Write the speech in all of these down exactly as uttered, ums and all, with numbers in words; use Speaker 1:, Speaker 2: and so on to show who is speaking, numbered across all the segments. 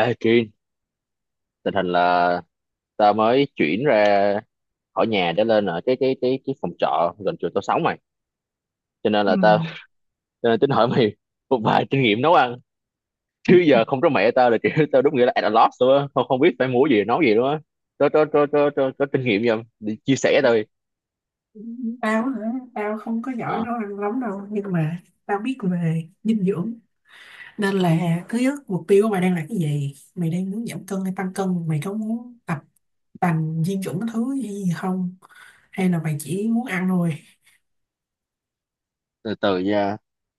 Speaker 1: Ê Trinh, tình hình là ta mới chuyển ra khỏi nhà để lên ở cái cái cái cái phòng trọ gần chỗ tao sống mày. Cho nên
Speaker 2: Ừ.
Speaker 1: là tao cho nên tính hỏi mày một vài kinh nghiệm nấu ăn. Chứ giờ không có mẹ tao là kiểu tao đúng nghĩa là at a loss luôn á, không không biết phải mua gì nấu gì luôn á. Có có có có có, có kinh nghiệm gì không? Đi chia sẻ thôi.
Speaker 2: Tao hả? Tao không có giỏi
Speaker 1: Ờ,
Speaker 2: nấu ăn lắm đâu nhưng mà tao biết về dinh dưỡng, nên là thứ nhất mục tiêu của mày đang là cái gì? Mày đang muốn giảm cân hay tăng cân? Mày có muốn tập tành dinh dưỡng cái thứ gì không, hay là mày chỉ muốn ăn thôi?
Speaker 1: Từ từ nha.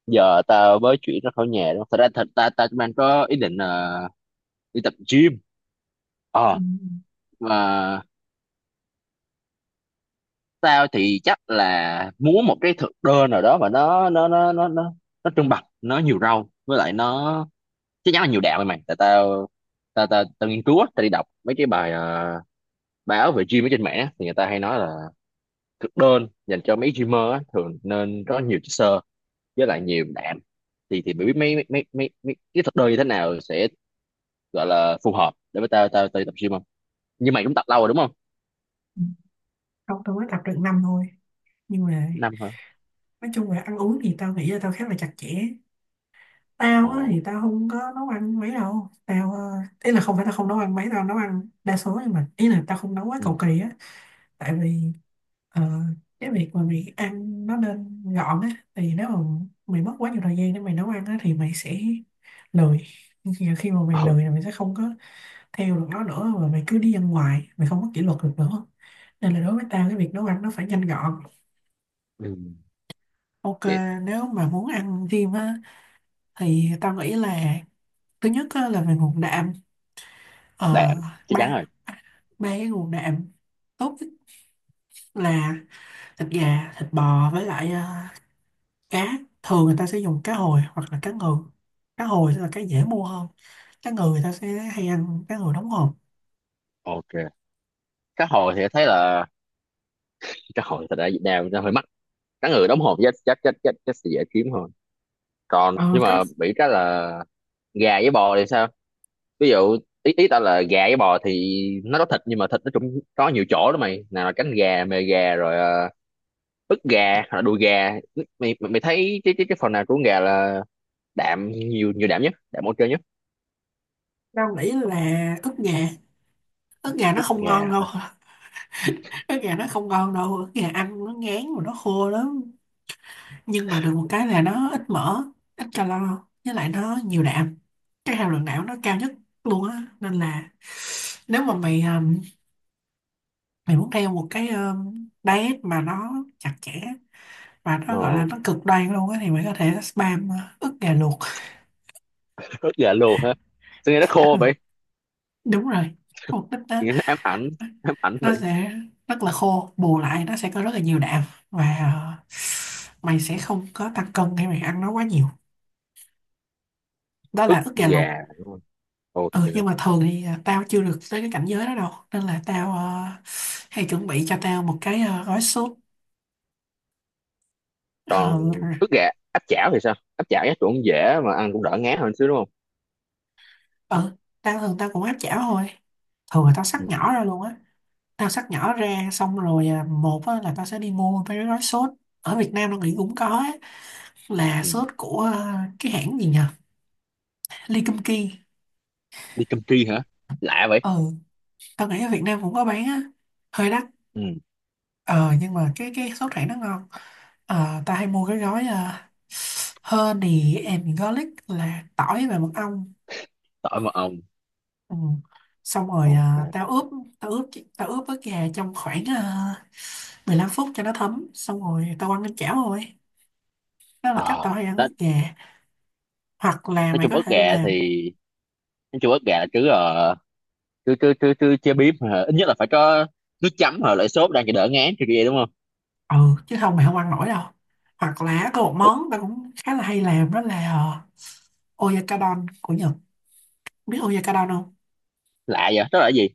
Speaker 1: Giờ tao mới chuyển ra khỏi nhà đó. Thật ra thật ta ta mang có ý định là đi tập gym.
Speaker 2: Ừ.
Speaker 1: Ờ, mà tao thì chắc là muốn một cái thực đơn nào đó mà nó nó nó nó nó nó trung bạch, nó nhiều rau với lại nó chắc chắn là nhiều đạm mày, mày tại tao tao tao, tao nghiên cứu á, tao đi đọc mấy cái bài ờ, báo về gym ở trên mạng á, thì người ta hay nói là thực đơn dành cho mấy gymer á, thường nên có nhiều chất xơ với lại nhiều đạm. Thì thì mày biết mấy mấy mấy mấy, mấy cái thực đơn như thế nào sẽ gọi là phù hợp để với tao tao tao đi tập gym không? Nhưng mày cũng tập lâu rồi đúng không?
Speaker 2: Ừ. Không, tao mới tập được năm thôi, nhưng mà
Speaker 1: Năm hả?
Speaker 2: nói chung là ăn uống thì tao nghĩ là tao khá là chặt chẽ. Tao
Speaker 1: Ồ.
Speaker 2: á, thì tao không có nấu ăn mấy đâu tao, ờ, ý là không phải tao không nấu ăn mấy, tao nấu ăn đa số, nhưng mà ý là tao không nấu quá cầu
Speaker 1: Ừ.
Speaker 2: kỳ á. Tại vì ờ, cái việc mà mày ăn nó nên gọn á. Thì nếu mà mày mất quá nhiều thời gian để mày nấu ăn á thì mày sẽ lười. Nhưng khi mà mày
Speaker 1: Ờ,
Speaker 2: lười là mày sẽ không có theo được nó nữa, và mày cứ đi ăn ngoài, mày không có kỷ luật được nữa. Nên là đối với tao, cái việc nấu ăn nó phải nhanh gọn.
Speaker 1: ừ.
Speaker 2: Ok.
Speaker 1: Vậy
Speaker 2: Nếu mà muốn ăn thêm á thì tao nghĩ là thứ nhất á, là về nguồn đạm. Ờ,
Speaker 1: đạm chắc chắn rồi.
Speaker 2: ba ba ba cái nguồn đạm tốt nhất là thịt gà, thịt bò, với lại ờ, cá. Thường người ta sẽ dùng cá hồi hoặc là cá ngừ. Cá hồi sẽ là cái dễ mua hơn. Cá ngừ người ta sẽ hay ăn cá ngừ đóng hộp.
Speaker 1: Ok. Cá hồi thì thấy là cá hồi thật ra ở Việt Nam nó hơi mắc. Cá ngừ đóng hộp chắc chắc chắc chắc chắc sẽ dễ kiếm hơn. Còn
Speaker 2: Ờ
Speaker 1: nhưng
Speaker 2: có.
Speaker 1: mà bị cái là gà với bò thì sao? Ví dụ ý ý tao là gà với bò thì nó có thịt nhưng mà thịt nó cũng có nhiều chỗ đó mày, nào là cánh gà, mề gà rồi ờ, ức gà hoặc là đùi gà. Mày mày mày thấy cái cái cái phần nào của con gà là đạm nhiều, nhiều đạm nhất, đạm ok nhất?
Speaker 2: Tao nghĩ là ức gà. Ức gà nó
Speaker 1: Ức
Speaker 2: không
Speaker 1: gà
Speaker 2: ngon đâu.
Speaker 1: hả?
Speaker 2: Ức gà nó không ngon đâu, ức gà ăn nó ngán mà nó khô lắm. Nhưng mà được một cái là nó ít mỡ, ít calo, với lại nó nhiều đạm. Cái hàm lượng đạm nó cao nhất luôn á. Nên là nếu mà mày, ờ, mày muốn theo một cái um, diet mà nó chặt chẽ và nó gọi là
Speaker 1: Ờ.
Speaker 2: nó cực đoan luôn á, thì mày có thể spam uh, ức gà luộc.
Speaker 1: Ức gà luôn hả? Sao nghe nó
Speaker 2: Ừ,
Speaker 1: khô vậy?
Speaker 2: đúng rồi, mục đích đó.
Speaker 1: Sao nghe nó ám ảnh, ám ảnh
Speaker 2: Nó
Speaker 1: vậy?
Speaker 2: sẽ rất là khô, bù lại nó sẽ có rất là nhiều đạm. Và uh, mày sẽ không có tăng cân khi mày ăn nó quá nhiều. Đó
Speaker 1: Ức
Speaker 2: là ức gà
Speaker 1: gà
Speaker 2: luộc.
Speaker 1: đúng không? Ok.
Speaker 2: Ừ, nhưng mà thường thì uh, tao chưa được tới cái cảnh giới đó đâu, nên là tao uh, hay chuẩn bị cho tao một cái uh, gói súp. Ờ,
Speaker 1: Còn ức gà áp chảo thì sao? Áp chảo chắc cũng dễ mà ăn cũng đỡ ngán hơn xíu đúng không?
Speaker 2: ừ. Tao thường tao cũng áp chảo thôi. Thường là tao xắt
Speaker 1: Ừ.
Speaker 2: nhỏ ra luôn á. Tao xắt nhỏ ra, xong rồi à, một á, là tao sẽ đi mua mấy cái gói sốt. Ở Việt Nam tao nghĩ cũng có á, là
Speaker 1: Ừ.
Speaker 2: sốt của à, cái hãng gì nhỉ? Ly Kim Ki.
Speaker 1: Đi cơm tri hả? Lạ vậy.
Speaker 2: Ừ, tao nghĩ ở Việt Nam cũng có bán á, hơi đắt.
Speaker 1: Ừ.
Speaker 2: Ờ, nhưng mà cái cái sốt hãng nó ngon. Ờ, tao hay mua cái gói à, honey and garlic, là tỏi và mật ong.
Speaker 1: Tỏi mật ong.
Speaker 2: Ừ. Xong rồi à,
Speaker 1: Ok.
Speaker 2: tao ướp tao ướp tao ướp với gà trong khoảng à, mười lăm phút cho nó thấm, xong rồi tao ăn lên chảo rồi. Đó là cách tao
Speaker 1: Ờ,
Speaker 2: hay ăn ức
Speaker 1: nói,
Speaker 2: gà. Hoặc là
Speaker 1: nói
Speaker 2: mày
Speaker 1: chung
Speaker 2: có
Speaker 1: ức
Speaker 2: thể
Speaker 1: gà thì
Speaker 2: làm.
Speaker 1: nói chung ức gà là cứ ờ, cứ cứ cứ cứ chế biếm hả? Ít nhất là phải có nước chấm hoặc lại sốt đang cho đỡ ngán kia đúng không?
Speaker 2: Ừ, chứ không mày không ăn nổi đâu. Hoặc là có một
Speaker 1: Ủa,
Speaker 2: món tao cũng khá là hay làm đó là ờ, Oyakodon của Nhật. Biết Oyakodon không?
Speaker 1: lạ vậy, đó là cái gì?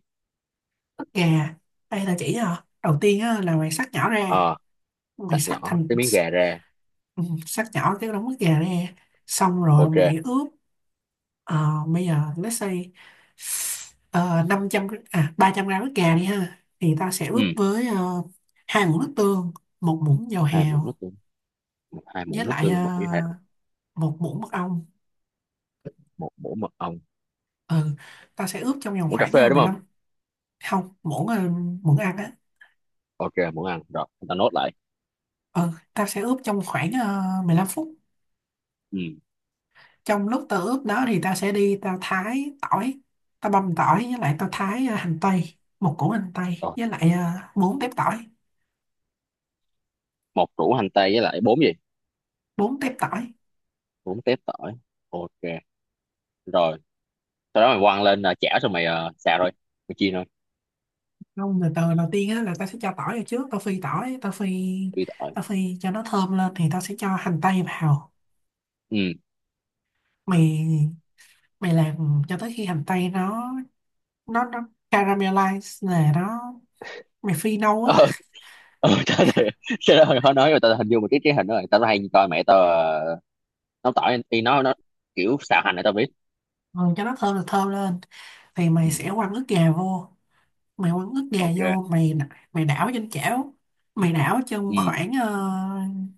Speaker 2: Ức gà. Đây là chỉ hả? Đầu tiên á, là mày xắt nhỏ ra.
Speaker 1: Ờ.
Speaker 2: Mày
Speaker 1: Xắt
Speaker 2: xắt
Speaker 1: nhỏ
Speaker 2: thành,
Speaker 1: cái miếng gà ra.
Speaker 2: ừ, xắt nhỏ cái đống ức gà ra. Xong rồi
Speaker 1: Ok.
Speaker 2: mày ướp. ờ, bây giờ let's say uh, năm trăm gr- à ba trăm gram ức gà đi ha, thì ta sẽ
Speaker 1: Ừ.
Speaker 2: ướp với ờ, hai muỗng nước tương, một muỗng dầu
Speaker 1: hai muỗng nước
Speaker 2: hào,
Speaker 1: tương một hai
Speaker 2: với
Speaker 1: muỗng nước
Speaker 2: lại
Speaker 1: tương
Speaker 2: ờ,
Speaker 1: một muỗng hạt
Speaker 2: một muỗng mật ong.
Speaker 1: Một muỗng mật ong.
Speaker 2: Ừ. Tao sẽ ướp trong vòng
Speaker 1: Muỗng cà
Speaker 2: khoảng ờ,
Speaker 1: phê đúng
Speaker 2: mười
Speaker 1: không?
Speaker 2: lăm Không, muỗng, ờ, muỗng ăn á.
Speaker 1: Ok, muỗng ăn rồi chúng ta nốt lại.
Speaker 2: Ừ. Tao sẽ ướp trong khoảng ờ, mười lăm phút.
Speaker 1: Ừ.
Speaker 2: Trong lúc tao ướp đó thì tao sẽ đi tao thái tỏi, tao băm tỏi, với lại tao thái ờ, hành tây, một củ hành tây,
Speaker 1: Rồi,
Speaker 2: với lại ờ, bốn tép tỏi
Speaker 1: một củ hành tây với lại bốn gì?
Speaker 2: bốn tép tỏi.
Speaker 1: Bốn tép tỏi. Ok, rồi. Sau đó mày quăng lên uh, chảo, xong mày ờ, xào rồi. Mày chiên thôi.
Speaker 2: Không, từ từ. Đầu tiên á là tao sẽ cho tỏi vào trước, tao phi tỏi, tao phi
Speaker 1: Phi tỏi.
Speaker 2: tao phi cho nó thơm lên, thì tao sẽ cho hành tây vào.
Speaker 1: Ừ.
Speaker 2: Mày mày làm cho tới khi hành tây nó nó nó caramelize này, nó, mày phi nâu á.
Speaker 1: Ờ, ờ tao thì- Sau đó mày khó nói mà tao hình dung một cái cái hình đó rồi. Tao hay coi mẹ tao ờ, nấu tỏi thì nó nó kiểu xào hành này tao biết.
Speaker 2: Ừ, cho nó thơm là thơm lên, thì mày
Speaker 1: Ừ.
Speaker 2: sẽ quăng ức gà vô, mày quăng ức gà
Speaker 1: Ok.
Speaker 2: vô. Mày mày đảo trên chảo. Mày đảo trong
Speaker 1: Ừ.
Speaker 2: khoảng uh,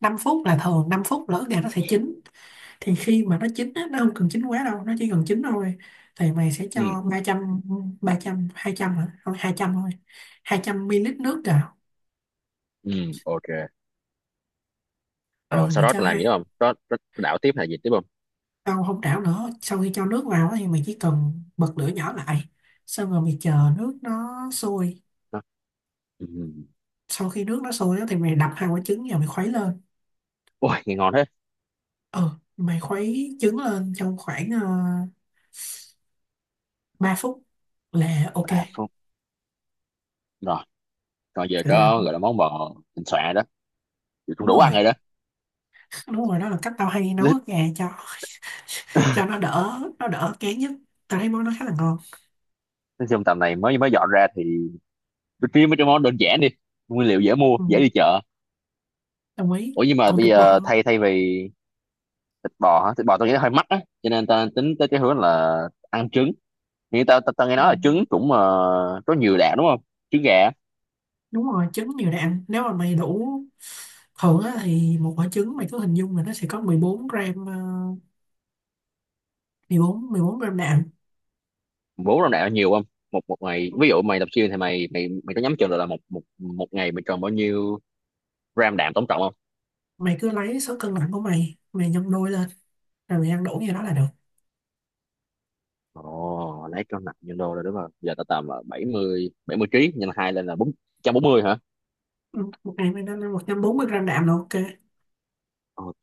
Speaker 2: năm phút. Là thường năm phút là ức gà nó sẽ chín. Thì khi mà nó chín á, nó không cần chín quá đâu, nó chỉ cần chín thôi. Thì mày sẽ
Speaker 1: Ừ.
Speaker 2: cho ba trăm ba trăm hai trăm, hả? Không, hai trăm thôi. hai trăm em lờ nước vào.
Speaker 1: Ừ. Ok. Rồi
Speaker 2: Ừ,
Speaker 1: sau
Speaker 2: mày
Speaker 1: đó
Speaker 2: cho
Speaker 1: tao làm
Speaker 2: hai.
Speaker 1: gì nữa không? Có có đảo tiếp hay gì tiếp không?
Speaker 2: Không, không trảo nữa. Sau khi cho nước vào á thì mình chỉ cần bật lửa nhỏ lại. Xong rồi mình chờ nước nó sôi.
Speaker 1: Đó. Ừ.
Speaker 2: Sau khi nước nó sôi á thì mày đập hai quả trứng vào, mày khuấy lên.
Speaker 1: Ôi, nghe ngon thế.
Speaker 2: Ừ, mày khuấy trứng lên trong khoảng uh, ba phút là ok.
Speaker 1: Ba phút. Rồi, còn giờ
Speaker 2: Là,
Speaker 1: có gọi là món bò thịnh soạn rồi đó. Giờ cũng
Speaker 2: đúng
Speaker 1: đủ
Speaker 2: rồi,
Speaker 1: ăn rồi đó.
Speaker 2: đúng rồi. Đó là cách tao hay nấu ức gà cho, cho nó đỡ nó đỡ kén nhất. Tao thấy món nó khá là ngon.
Speaker 1: Nói chung tầm này mới mới dọn ra thì tôi kiếm mấy cái món đơn giản đi, nguyên liệu dễ mua,
Speaker 2: Ừ,
Speaker 1: dễ đi chợ.
Speaker 2: đồng ý.
Speaker 1: Ủa nhưng mà
Speaker 2: Còn
Speaker 1: bây
Speaker 2: thịt bò.
Speaker 1: giờ thay thay vì thịt bò hả, thịt bò tôi nghĩ nó hơi mắc á, cho nên tao tính tới cái hướng là ăn trứng. Thì tao tao ta nghe
Speaker 2: Ừ.
Speaker 1: nói là trứng cũng ờ, có nhiều đạm đúng không, trứng gà á?
Speaker 2: Đúng rồi, trứng nhiều đạm. Nếu mà mày đủ, thường á, thì một quả trứng mày cứ hình dung là nó sẽ có mười bốn gram, ờ, mười bốn mười bốn gram đạm.
Speaker 1: Bốn năm đạm là nhiều không? Một một ngày ví dụ mày tập gym thì mày mày mày có nhắm chừng được là một một một ngày mày cần bao nhiêu gram đạm tổng cộng không?
Speaker 2: Mày cứ lấy số cân nặng của mày, mày nhân đôi lên, rồi mày ăn đủ như đó là được.
Speaker 1: Ồ, lấy cân nặng nhân đô rồi đúng không? Giờ tao tầm là bảy mươi bảy mươi ký, nhân hai lên là bốn trăm bốn mươi hả?
Speaker 2: Ừ, một ngày mày nên ăn một trăm bốn mươi gram đạm là ok.
Speaker 1: Ok.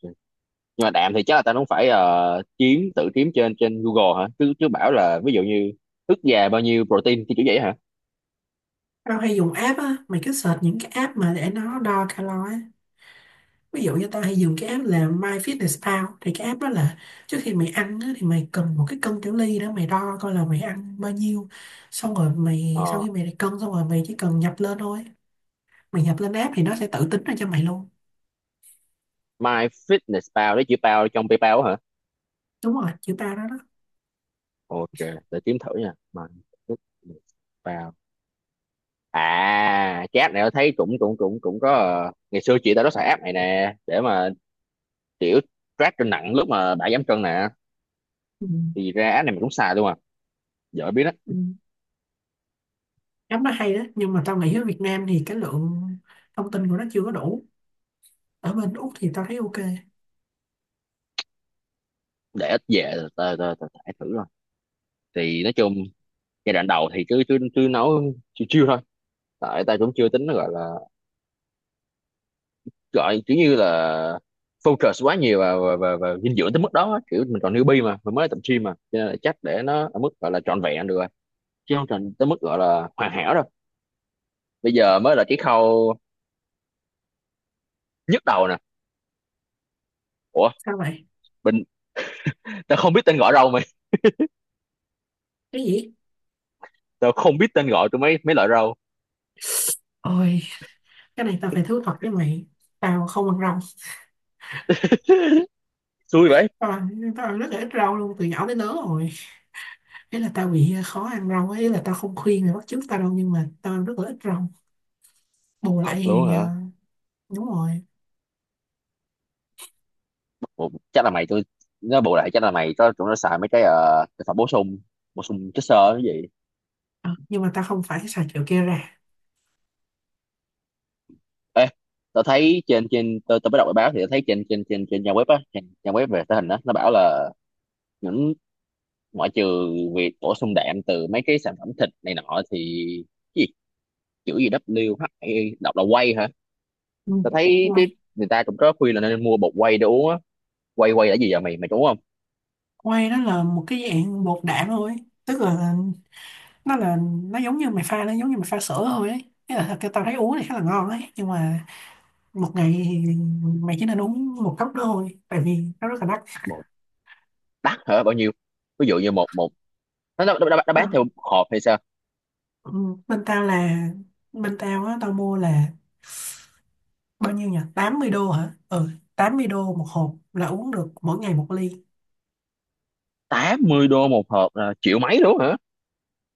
Speaker 1: Nhưng mà đạm thì chắc là tao cũng phải ờ, kiếm, tự kiếm trên trên Google hả, chứ chứ bảo là ví dụ như ức gà bao nhiêu protein cái kiểu vậy hả?
Speaker 2: Tao hay dùng app á, mày cứ search những cái app mà để nó đo calo á. Ví dụ như tao hay dùng cái app là MyFitnessPal. Thì cái app đó là trước khi mày ăn á, thì mày cần một cái cân tiểu ly đó, mày đo coi là mày ăn bao nhiêu. Xong rồi mày, sau
Speaker 1: Ờ.
Speaker 2: khi mày đã cân xong rồi, mày chỉ cần nhập lên thôi. Mày nhập lên app thì nó sẽ tự tính ra cho mày luôn.
Speaker 1: My Fitness Pal đấy, chữ pal trong PayPal hả?
Speaker 2: Đúng rồi, chữ ba đó đó.
Speaker 1: Ok, để kiếm thử nha. My Fitness Pal. À, cái app này tao thấy cũng cũng cũng cũng có ờ, ngày xưa chị tao nó xài app này nè để mà kiểu track cân nặng lúc mà đã giảm cân nè.
Speaker 2: Ừ.
Speaker 1: Thì ra app này mình cũng xài luôn à, giờ mới biết đó.
Speaker 2: Ừ. App nó hay đó, nhưng mà tao nghĩ ở Việt Nam thì cái lượng thông tin của nó chưa có đủ. Ở bên Úc thì tao thấy ok.
Speaker 1: Để ít về tao tao tao tải thử rồi. Thì nói chung giai đoạn đầu thì cứ cứ cứ nấu chiêu chiêu thôi, tại ta cũng chưa tính nó gọi là, gọi kiểu như là focus quá nhiều và và, và, và dinh dưỡng tới mức đó á. Kiểu mình còn newbie mà mình mới tập gym mà, cho nên là chắc để nó ở mức gọi là trọn vẹn được rồi, chứ không tròn tới mức gọi là hoàn hảo đâu. Bây giờ mới là cái khâu nhức đầu nè. Ủa,
Speaker 2: Sao vậy?
Speaker 1: mình tao không biết tên gọi rau mày.
Speaker 2: Cái gì?
Speaker 1: Tao không biết tên gọi của mấy mấy loại rau.
Speaker 2: Ôi, cái này tao phải thú thật với mày, tao không ăn rau.
Speaker 1: Xui vậy.
Speaker 2: Tao ăn, tao ăn rất là ít rau luôn từ nhỏ tới lớn rồi. Thế là tao bị ờ, khó ăn rau ấy, là tao không khuyên mày bắt chước tao đâu, nhưng mà tao ăn rất là ít rau. Bù
Speaker 1: Thật
Speaker 2: lại
Speaker 1: luôn
Speaker 2: thì ờ,
Speaker 1: hả?
Speaker 2: đúng rồi.
Speaker 1: Ủa, chắc là mày tôi, nó bù lại chắc là mày có tụi nó xài mấy cái ờ, thực phẩm bổ sung, bổ sung chất xơ cái gì.
Speaker 2: Ờ, nhưng mà tao không phải xài kiểu kia ra.
Speaker 1: Ê, tao thấy trên trên tao, tao mới đọc bài báo thì tao thấy trên trên trên trên trang web á, trên trang web về thể hình á, nó bảo là những, ngoại trừ việc bổ sung đạm từ mấy cái sản phẩm thịt này nọ thì cái gì, chữ gì, vê kép hát i đọc là whey hả?
Speaker 2: Ừ.
Speaker 1: Tao thấy cái
Speaker 2: Quay.
Speaker 1: người ta cũng có khuyên là nên mua bột whey để uống á. Whey whey là gì vậy mày, mày đúng không?
Speaker 2: Quay đó là một cái dạng bột đạm thôi. Tức là nó là, nó giống như mày pha, nó giống như mày pha sữa thôi ấy. Thế là thật- tao thấy uống thì khá là ngon đấy, nhưng mà một ngày thì mày chỉ nên uống một cốc đó thôi, tại vì nó rất là đắt.
Speaker 1: Một, đắt hả? Bao nhiêu? Ví dụ như một một nó nó, nó, nó bán theo
Speaker 2: tao,
Speaker 1: hộp hay sao?
Speaker 2: ừ, bên tao là bên tao á tao mua là bao nhiêu nhỉ, tám mươi đô hả? Ừ, tám mươi đô một hộp là uống được mỗi ngày một ly.
Speaker 1: Tám mươi đô một hộp là triệu mấy luôn hả?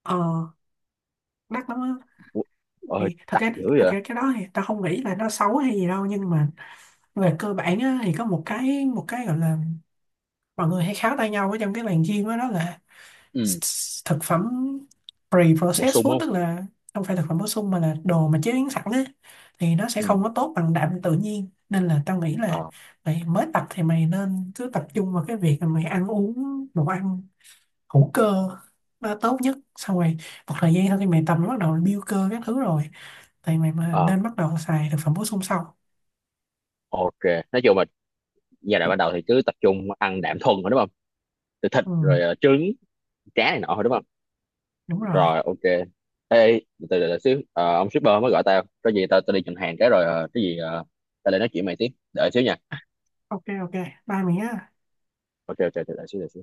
Speaker 2: Ờ, đắt lắm á.
Speaker 1: Ủa, ờ,
Speaker 2: Thì thật
Speaker 1: đắt
Speaker 2: ra
Speaker 1: dữ
Speaker 2: thật
Speaker 1: vậy.
Speaker 2: ra cái đó thì tao không nghĩ là nó xấu hay gì đâu, nhưng mà về cơ bản á, thì có một cái một cái gọi là, mọi người hay kháo tay nhau ở trong cái làng gym đó, đó là s-
Speaker 1: Ừ,
Speaker 2: s- thực phẩm
Speaker 1: bổ
Speaker 2: pre-processed
Speaker 1: sung
Speaker 2: food,
Speaker 1: không?
Speaker 2: tức là không phải thực phẩm bổ sung mà là đồ mà chế biến sẵn á. Thì nó sẽ
Speaker 1: Ừ.
Speaker 2: không có tốt bằng đạm tự nhiên, nên là tao nghĩ là
Speaker 1: Ờ
Speaker 2: mày mới tập thì mày nên cứ tập trung vào cái việc là mày ăn uống đồ ăn hữu cơ nó tốt nhất. Xong rồi một thời gian sau khi mày tập nó bắt đầu build cơ các thứ rồi, thì mày mà
Speaker 1: ờ.
Speaker 2: nên bắt đầu xài thực phẩm bổ sung sau.
Speaker 1: Ok, nói chung là giai đoạn ban đầu thì cứ tập trung ăn đạm thuần thôi đúng không? Từ thịt
Speaker 2: Ừ,
Speaker 1: rồi ờ, trứng, cá này nọ thôi đúng không?
Speaker 2: đúng rồi.
Speaker 1: Rồi ok. Ê, từ từ từ xíu, ờ, ông shipper mới gọi tao. Có gì tao tao đi nhận hàng cái rồi ờ, cái gì ờ, tao lại nói chuyện mày tiếp. Đợi xíu nha.
Speaker 2: Ok. Ok, bye mày nhé.
Speaker 1: Ok ok, đợi xíu đợi xíu.